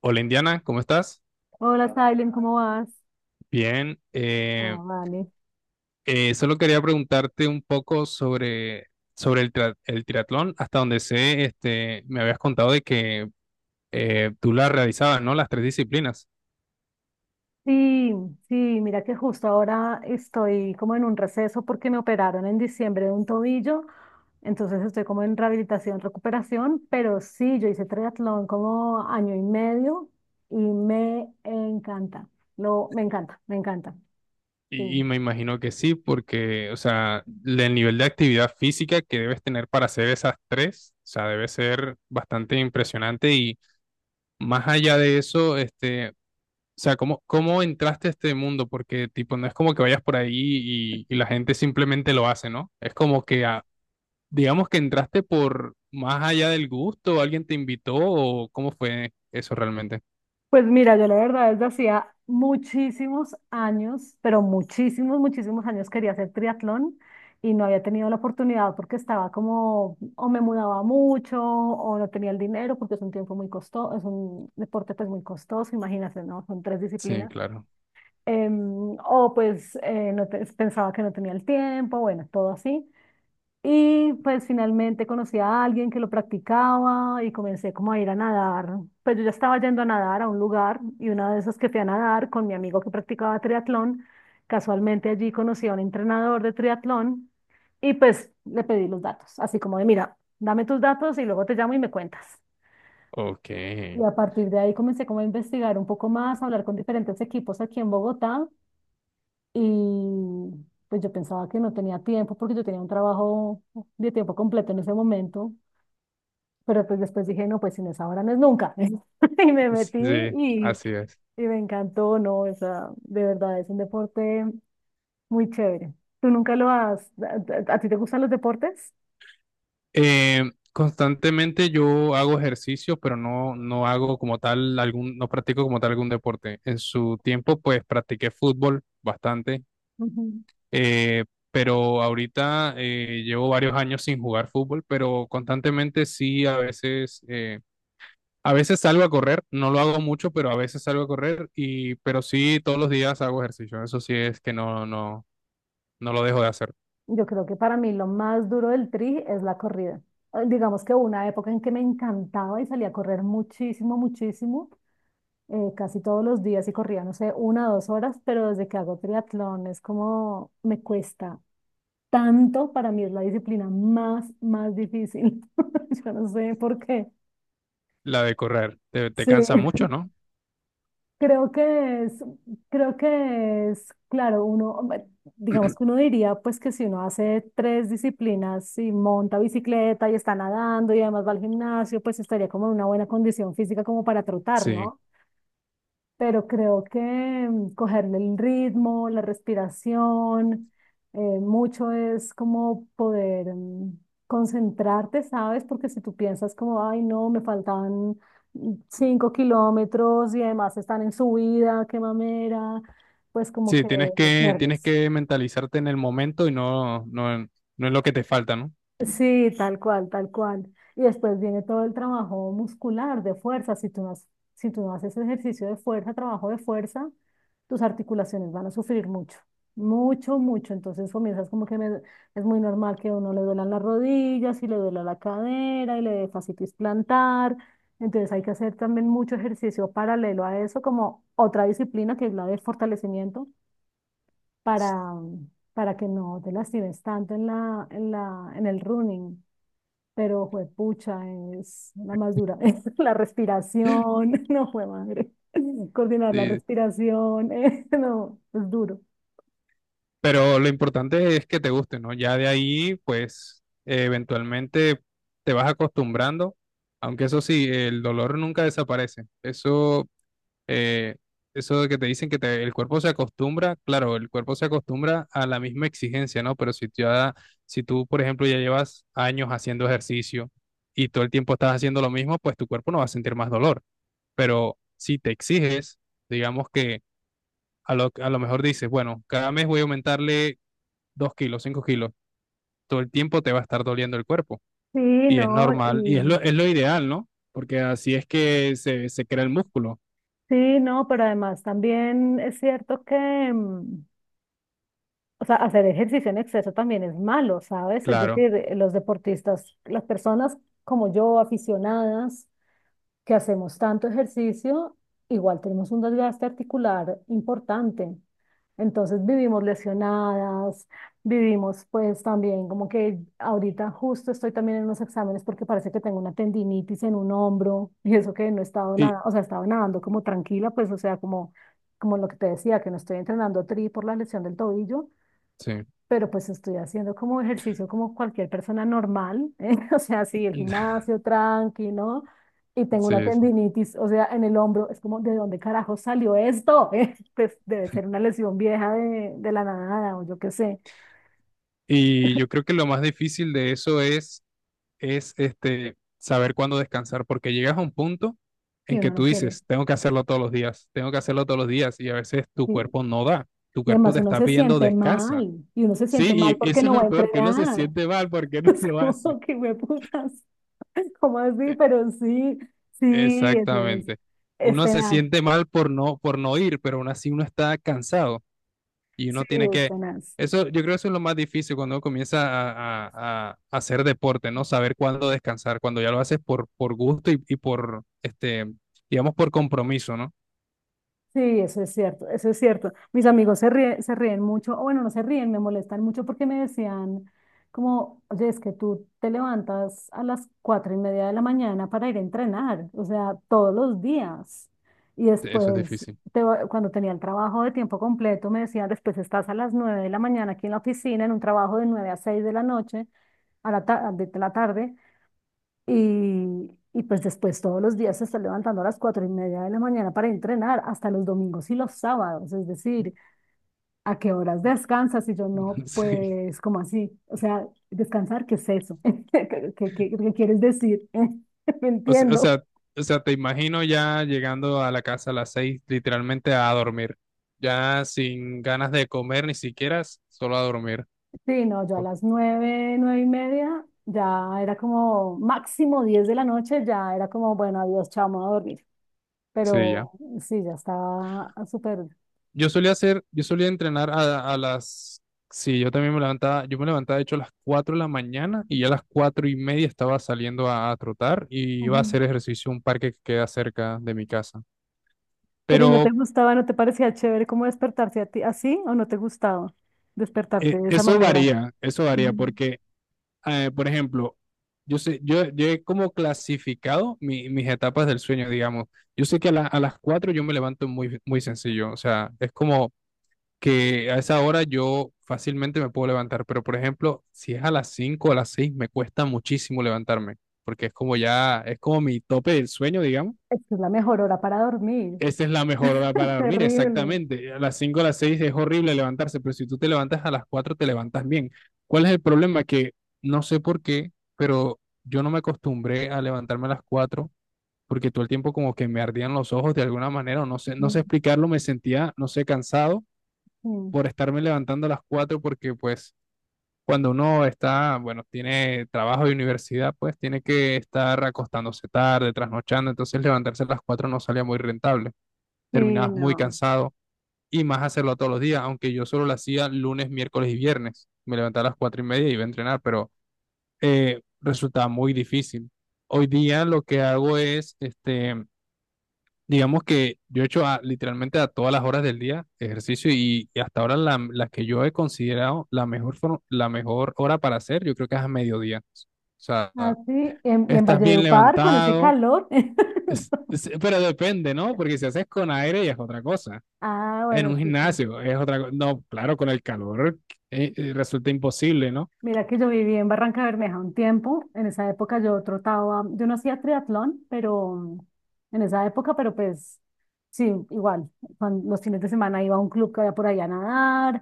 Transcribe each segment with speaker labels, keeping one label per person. Speaker 1: Hola, Indiana, ¿cómo estás?
Speaker 2: Hola, Silent, ¿cómo vas?
Speaker 1: Bien,
Speaker 2: Ah, vale.
Speaker 1: solo quería preguntarte un poco sobre el triatlón. Hasta donde sé, este, me habías contado de que tú la realizabas, ¿no? Las tres disciplinas.
Speaker 2: Sí, sí, mira que justo ahora estoy como en un receso porque me operaron en diciembre de un tobillo, entonces estoy como en rehabilitación, recuperación, pero sí, yo hice triatlón como año y medio y me encanta, me encanta, me encanta, sí.
Speaker 1: Y me imagino que sí, porque, o sea, el nivel de actividad física que debes tener para hacer esas tres, o sea, debe ser bastante impresionante. Y más allá de eso, este, o sea, ¿cómo entraste a este mundo? Porque, tipo, no es como que vayas por ahí y la gente simplemente lo hace, ¿no? Es como que, ah, digamos que entraste, por más allá del gusto, alguien te invitó o cómo fue eso realmente.
Speaker 2: Pues mira, yo la verdad desde hacía muchísimos años, pero muchísimos, muchísimos años quería hacer triatlón y no había tenido la oportunidad porque estaba como, o me mudaba mucho o no tenía el dinero porque es un tiempo muy costoso, es un deporte pues muy costoso, imagínate, ¿no? Son tres
Speaker 1: Sí,
Speaker 2: disciplinas.
Speaker 1: claro.
Speaker 2: O pues pensaba que no tenía el tiempo, bueno, todo así. Y pues finalmente conocí a alguien que lo practicaba y comencé como a ir a nadar. Pues yo ya estaba yendo a nadar a un lugar y una de esas que fui a nadar con mi amigo que practicaba triatlón, casualmente allí conocí a un entrenador de triatlón y pues le pedí los datos, así como de, mira, dame tus datos y luego te llamo y me cuentas.
Speaker 1: Ok.
Speaker 2: Y a partir de ahí comencé como a investigar un poco más, a hablar con diferentes equipos aquí en Bogotá y pues yo pensaba que no tenía tiempo porque yo tenía un trabajo de tiempo completo en ese momento, pero pues después dije, no, pues si no es ahora, no es nunca. Y me metí
Speaker 1: Sí,
Speaker 2: y,
Speaker 1: así es.
Speaker 2: y me encantó, no, o sea, de verdad es un deporte muy chévere. ¿Tú nunca lo has, a ti te gustan los deportes?
Speaker 1: Eh, constantemente yo hago ejercicio, pero no hago como tal algún, no practico como tal algún deporte. En su tiempo, pues practiqué fútbol bastante.
Speaker 2: Ujú.
Speaker 1: Eh, pero ahorita llevo varios años sin jugar fútbol, pero constantemente sí, a veces salgo a correr, no lo hago mucho, pero a veces salgo a correr pero sí, todos los días hago ejercicio. Eso sí es que no lo dejo de hacer.
Speaker 2: Yo creo que para mí lo más duro del tri es la corrida. Digamos que hubo una época en que me encantaba y salía a correr muchísimo, muchísimo casi todos los días y corría, no sé, 1 o 2 horas, pero desde que hago triatlón es como me cuesta tanto, para mí es la disciplina más, más difícil. Yo no sé por qué.
Speaker 1: La de correr, te
Speaker 2: Sí,
Speaker 1: cansa mucho, ¿no?
Speaker 2: creo que es, creo que es, claro, uno, hombre, digamos que uno diría pues que si uno hace tres disciplinas y monta bicicleta y está nadando y además va al gimnasio, pues estaría como en una buena condición física como para trotar,
Speaker 1: Sí,
Speaker 2: ¿no? Pero creo que cogerle el ritmo, la respiración, mucho es como poder concentrarte, ¿sabes? Porque si tú piensas como, ay, no, me faltan 5 kilómetros y además están en subida, qué mamera, pues como
Speaker 1: sí,
Speaker 2: que te
Speaker 1: tienes
Speaker 2: pierdes.
Speaker 1: que mentalizarte en el momento y no es lo que te falta, ¿no?
Speaker 2: Sí, tal cual, tal cual. Y después viene todo el trabajo muscular de fuerza. Si tú no haces ejercicio de fuerza, trabajo de fuerza, tus articulaciones van a sufrir mucho, mucho, mucho. Entonces comienzas como que me- es muy normal que a uno le duelan las rodillas y le duela la cadera y le dé fascitis plantar. Entonces hay que hacer también mucho ejercicio paralelo a eso, como otra disciplina que es la de fortalecimiento para, para que no te lastimes tanto en en el running, pero juepucha, es la más dura. La respiración, no fue madre. Coordinar la
Speaker 1: Sí.
Speaker 2: respiración, no, es duro.
Speaker 1: Pero lo importante es que te guste, ¿no? Ya de ahí, pues, eventualmente te vas acostumbrando, aunque eso sí, el dolor nunca desaparece. Eso, eh, eso de que te dicen que el cuerpo se acostumbra, claro, el cuerpo se acostumbra a la misma exigencia, ¿no? Pero si tú, por ejemplo, ya llevas años haciendo ejercicio y todo el tiempo estás haciendo lo mismo, pues tu cuerpo no va a sentir más dolor. Pero si te exiges, digamos que a lo mejor dices, bueno, cada mes voy a aumentarle 2 kilos, 5 kilos, todo el tiempo te va a estar doliendo el cuerpo.
Speaker 2: Sí,
Speaker 1: Y es
Speaker 2: no,
Speaker 1: normal,
Speaker 2: y
Speaker 1: y es lo ideal, ¿no? Porque así es que se crea el músculo,
Speaker 2: sí, no, pero además también es cierto que, o sea, hacer ejercicio en exceso también es malo, ¿sabes? Es
Speaker 1: claro.
Speaker 2: decir, los deportistas, las personas como yo, aficionadas, que hacemos tanto ejercicio, igual tenemos un desgaste articular importante. Entonces vivimos lesionadas, vivimos pues también como que ahorita justo estoy también en unos exámenes porque parece que tengo una tendinitis en un hombro y eso que no he estado
Speaker 1: Y,
Speaker 2: nada, o sea, he estado nadando como tranquila, pues o sea, como, como lo que te decía, que no estoy entrenando tri por la lesión del tobillo,
Speaker 1: sí,
Speaker 2: pero pues estoy haciendo como ejercicio como cualquier persona normal, ¿eh? O sea, sí, el gimnasio tranqui, ¿no? Y tengo una
Speaker 1: sí, sí.
Speaker 2: tendinitis, o sea, en el hombro, es como, ¿de dónde carajo salió esto? ¿Eh? Pues debe ser una lesión vieja de la nada o yo qué sé,
Speaker 1: Y yo creo que lo más difícil de eso es este, saber cuándo descansar, porque llegas a un punto
Speaker 2: y
Speaker 1: en que
Speaker 2: uno no
Speaker 1: tú
Speaker 2: quiere.
Speaker 1: dices, tengo que hacerlo todos los días, tengo que hacerlo todos los días, y a veces tu cuerpo
Speaker 2: Y,
Speaker 1: no da, tu
Speaker 2: y
Speaker 1: cuerpo
Speaker 2: además
Speaker 1: te
Speaker 2: uno
Speaker 1: está
Speaker 2: se
Speaker 1: pidiendo
Speaker 2: siente
Speaker 1: descansa.
Speaker 2: mal, y uno se siente mal
Speaker 1: Sí, y
Speaker 2: porque
Speaker 1: eso es
Speaker 2: no va
Speaker 1: lo
Speaker 2: a
Speaker 1: peor, que uno se
Speaker 2: entrenar.
Speaker 1: siente mal porque no
Speaker 2: Es
Speaker 1: lo hace.
Speaker 2: como que me putas, ¿cómo así? Pero sí, sí, eso es,
Speaker 1: Exactamente.
Speaker 2: es
Speaker 1: Uno se
Speaker 2: tenaz,
Speaker 1: siente mal por por no ir, pero aún así uno está cansado y
Speaker 2: sí,
Speaker 1: uno tiene
Speaker 2: es
Speaker 1: que...
Speaker 2: tenaz.
Speaker 1: Eso, yo creo que eso es lo más difícil cuando uno comienza a hacer deporte, ¿no? Saber cuándo descansar, cuando ya lo haces por gusto y por, este, digamos, por compromiso, ¿no?
Speaker 2: Sí, eso es cierto, eso es cierto. Mis amigos se ríen mucho, o bueno, no se ríen, me molestan mucho porque me decían como, oye, es que tú te levantas a las 4:30 de la mañana para ir a entrenar, o sea, todos los días. Y
Speaker 1: Eso es
Speaker 2: después,
Speaker 1: difícil.
Speaker 2: cuando tenía el trabajo de tiempo completo, me decían, después estás a las 9 de la mañana aquí en la oficina, en un trabajo de 9 a 6 de la noche, de la tarde. Y pues después todos los días se está levantando a las 4:30 de la mañana para entrenar, hasta los domingos y los sábados. Es decir, ¿a qué horas descansas? Y yo no,
Speaker 1: Sí.
Speaker 2: pues, ¿cómo así? O sea, ¿descansar qué es eso? ¿Qué quieres decir? No
Speaker 1: O, se- o
Speaker 2: entiendo.
Speaker 1: sea, o sea, te imagino ya llegando a la casa a las seis, literalmente a dormir, ya sin ganas de comer ni siquiera, solo a dormir.
Speaker 2: Sí, no, yo a
Speaker 1: ¿No?
Speaker 2: las nueve, nueve y media ya era como máximo 10 de la noche, ya era como, bueno, adiós, chao, me voy a dormir.
Speaker 1: Sí, ya.
Speaker 2: Pero sí, ya estaba súper.
Speaker 1: Yo solía hacer, yo solía entrenar a las, sí, yo también me levantaba, yo me levantaba de hecho a las 4 de la mañana y ya a las 4 y media estaba saliendo a trotar y iba a
Speaker 2: Ujú.
Speaker 1: hacer ejercicio en un parque que queda cerca de mi casa.
Speaker 2: Pero ¿y no te
Speaker 1: Pero
Speaker 2: gustaba, no te parecía chévere cómo despertarse a ti así o no te gustaba despertarte de esa manera?
Speaker 1: eso varía
Speaker 2: Mm.
Speaker 1: porque, por ejemplo, yo sé, yo he como clasificado mis etapas del sueño, digamos. Yo sé que a las 4 yo me levanto muy sencillo, o sea, es como que a esa hora yo fácilmente me puedo levantar, pero por ejemplo, si es a las 5 o a las 6 me cuesta muchísimo levantarme, porque es como ya, es como mi tope del sueño, digamos.
Speaker 2: Es que es la mejor hora para dormir.
Speaker 1: Esa es la mejor hora
Speaker 2: Es
Speaker 1: para dormir,
Speaker 2: terrible.
Speaker 1: exactamente. A las 5 o a las 6 es horrible levantarse, pero si tú te levantas a las 4 te levantas bien. ¿Cuál es el problema? Que no sé por qué, pero yo no me acostumbré a levantarme a las 4 porque todo el tiempo como que me ardían los ojos de alguna manera, o no sé, no sé
Speaker 2: Mm,
Speaker 1: explicarlo, me sentía, no sé, cansado
Speaker 2: mm.
Speaker 1: por estarme levantando a las 4 porque pues cuando uno está, bueno, tiene trabajo y universidad, pues tiene que estar acostándose tarde, trasnochando, entonces levantarse a las 4 no salía muy rentable,
Speaker 2: Sí,
Speaker 1: terminabas muy
Speaker 2: no.
Speaker 1: cansado y más hacerlo todos los días, aunque yo solo lo hacía lunes, miércoles y viernes, me levantaba a las 4 y media y iba a entrenar, pero resultaba muy difícil. Hoy día lo que hago es, este, digamos que yo he hecho literalmente a todas las horas del día ejercicio y hasta ahora la que yo he considerado la mejor, la mejor hora para hacer, yo creo que es a mediodía. O sea,
Speaker 2: Así, y en
Speaker 1: estás bien
Speaker 2: Valledupar con ese
Speaker 1: levantado,
Speaker 2: calor.
Speaker 1: pero depende, ¿no? Porque si haces con aire ya es otra cosa.
Speaker 2: Ah,
Speaker 1: En
Speaker 2: bueno,
Speaker 1: un
Speaker 2: sí, sí.
Speaker 1: gimnasio es otra cosa. No, claro, con el calor resulta imposible, ¿no?
Speaker 2: Mira que yo viví en Barranca Bermeja un tiempo. En esa época yo trotaba, yo no hacía triatlón, pero en esa época, pero pues sí, igual. Los fines de semana iba a un club que había por allá a nadar,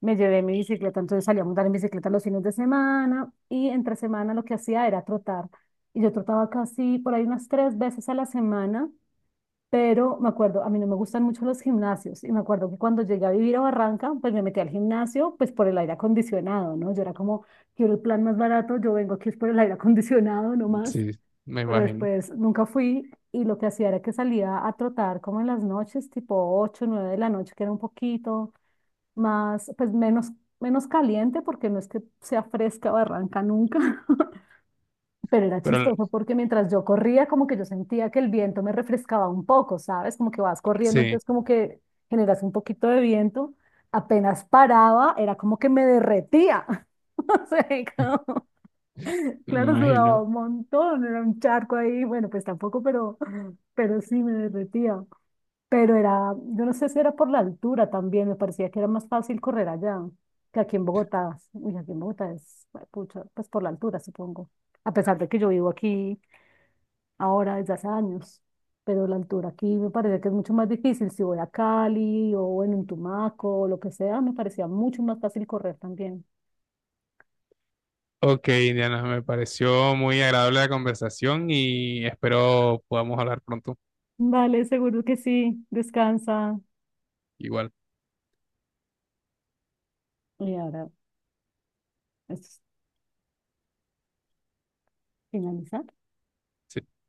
Speaker 2: me llevé mi bicicleta, entonces salía a montar en bicicleta los fines de semana y entre semana lo que hacía era trotar. Y yo trotaba casi por ahí unas tres veces a la semana, pero me acuerdo, a mí no me gustan mucho los gimnasios y me acuerdo que cuando llegué a vivir a Barranca, pues me metí al gimnasio pues por el aire acondicionado, ¿no? Yo era como, quiero el plan más barato, yo vengo aquí es por el aire acondicionado nomás,
Speaker 1: Sí, me
Speaker 2: pero
Speaker 1: imagino.
Speaker 2: después nunca fui. Y lo que hacía era que salía a trotar como en las noches, tipo 8 9 de la noche, que era un poquito, más, pues menos, menos caliente porque no es que sea fresca o arranca nunca, pero era
Speaker 1: Pero
Speaker 2: chistoso porque mientras yo corría como que yo sentía que el viento me refrescaba un poco, ¿sabes? Como que vas corriendo,
Speaker 1: sí,
Speaker 2: entonces como que generas un poquito de viento, apenas paraba, era como que me derretía. O sea, como-
Speaker 1: me
Speaker 2: claro, sudaba
Speaker 1: imagino.
Speaker 2: un montón, era un charco ahí, bueno, pues tampoco, pero sí me derretía. Pero era, yo no sé si era por la altura también, me parecía que era más fácil correr allá que aquí en Bogotá. Uy, aquí en Bogotá es, pucha, pues por la altura, supongo. A pesar de que yo vivo aquí ahora desde hace años, pero la altura aquí me parece que es mucho más difícil. Si voy a Cali o en un Tumaco o lo que sea, me parecía mucho más fácil correr también.
Speaker 1: Ok, Indiana, me pareció muy agradable la conversación y espero podamos hablar pronto.
Speaker 2: Vale, seguro que sí. Descansa.
Speaker 1: Igual.
Speaker 2: Y ahora, es finalizar.
Speaker 1: Sí.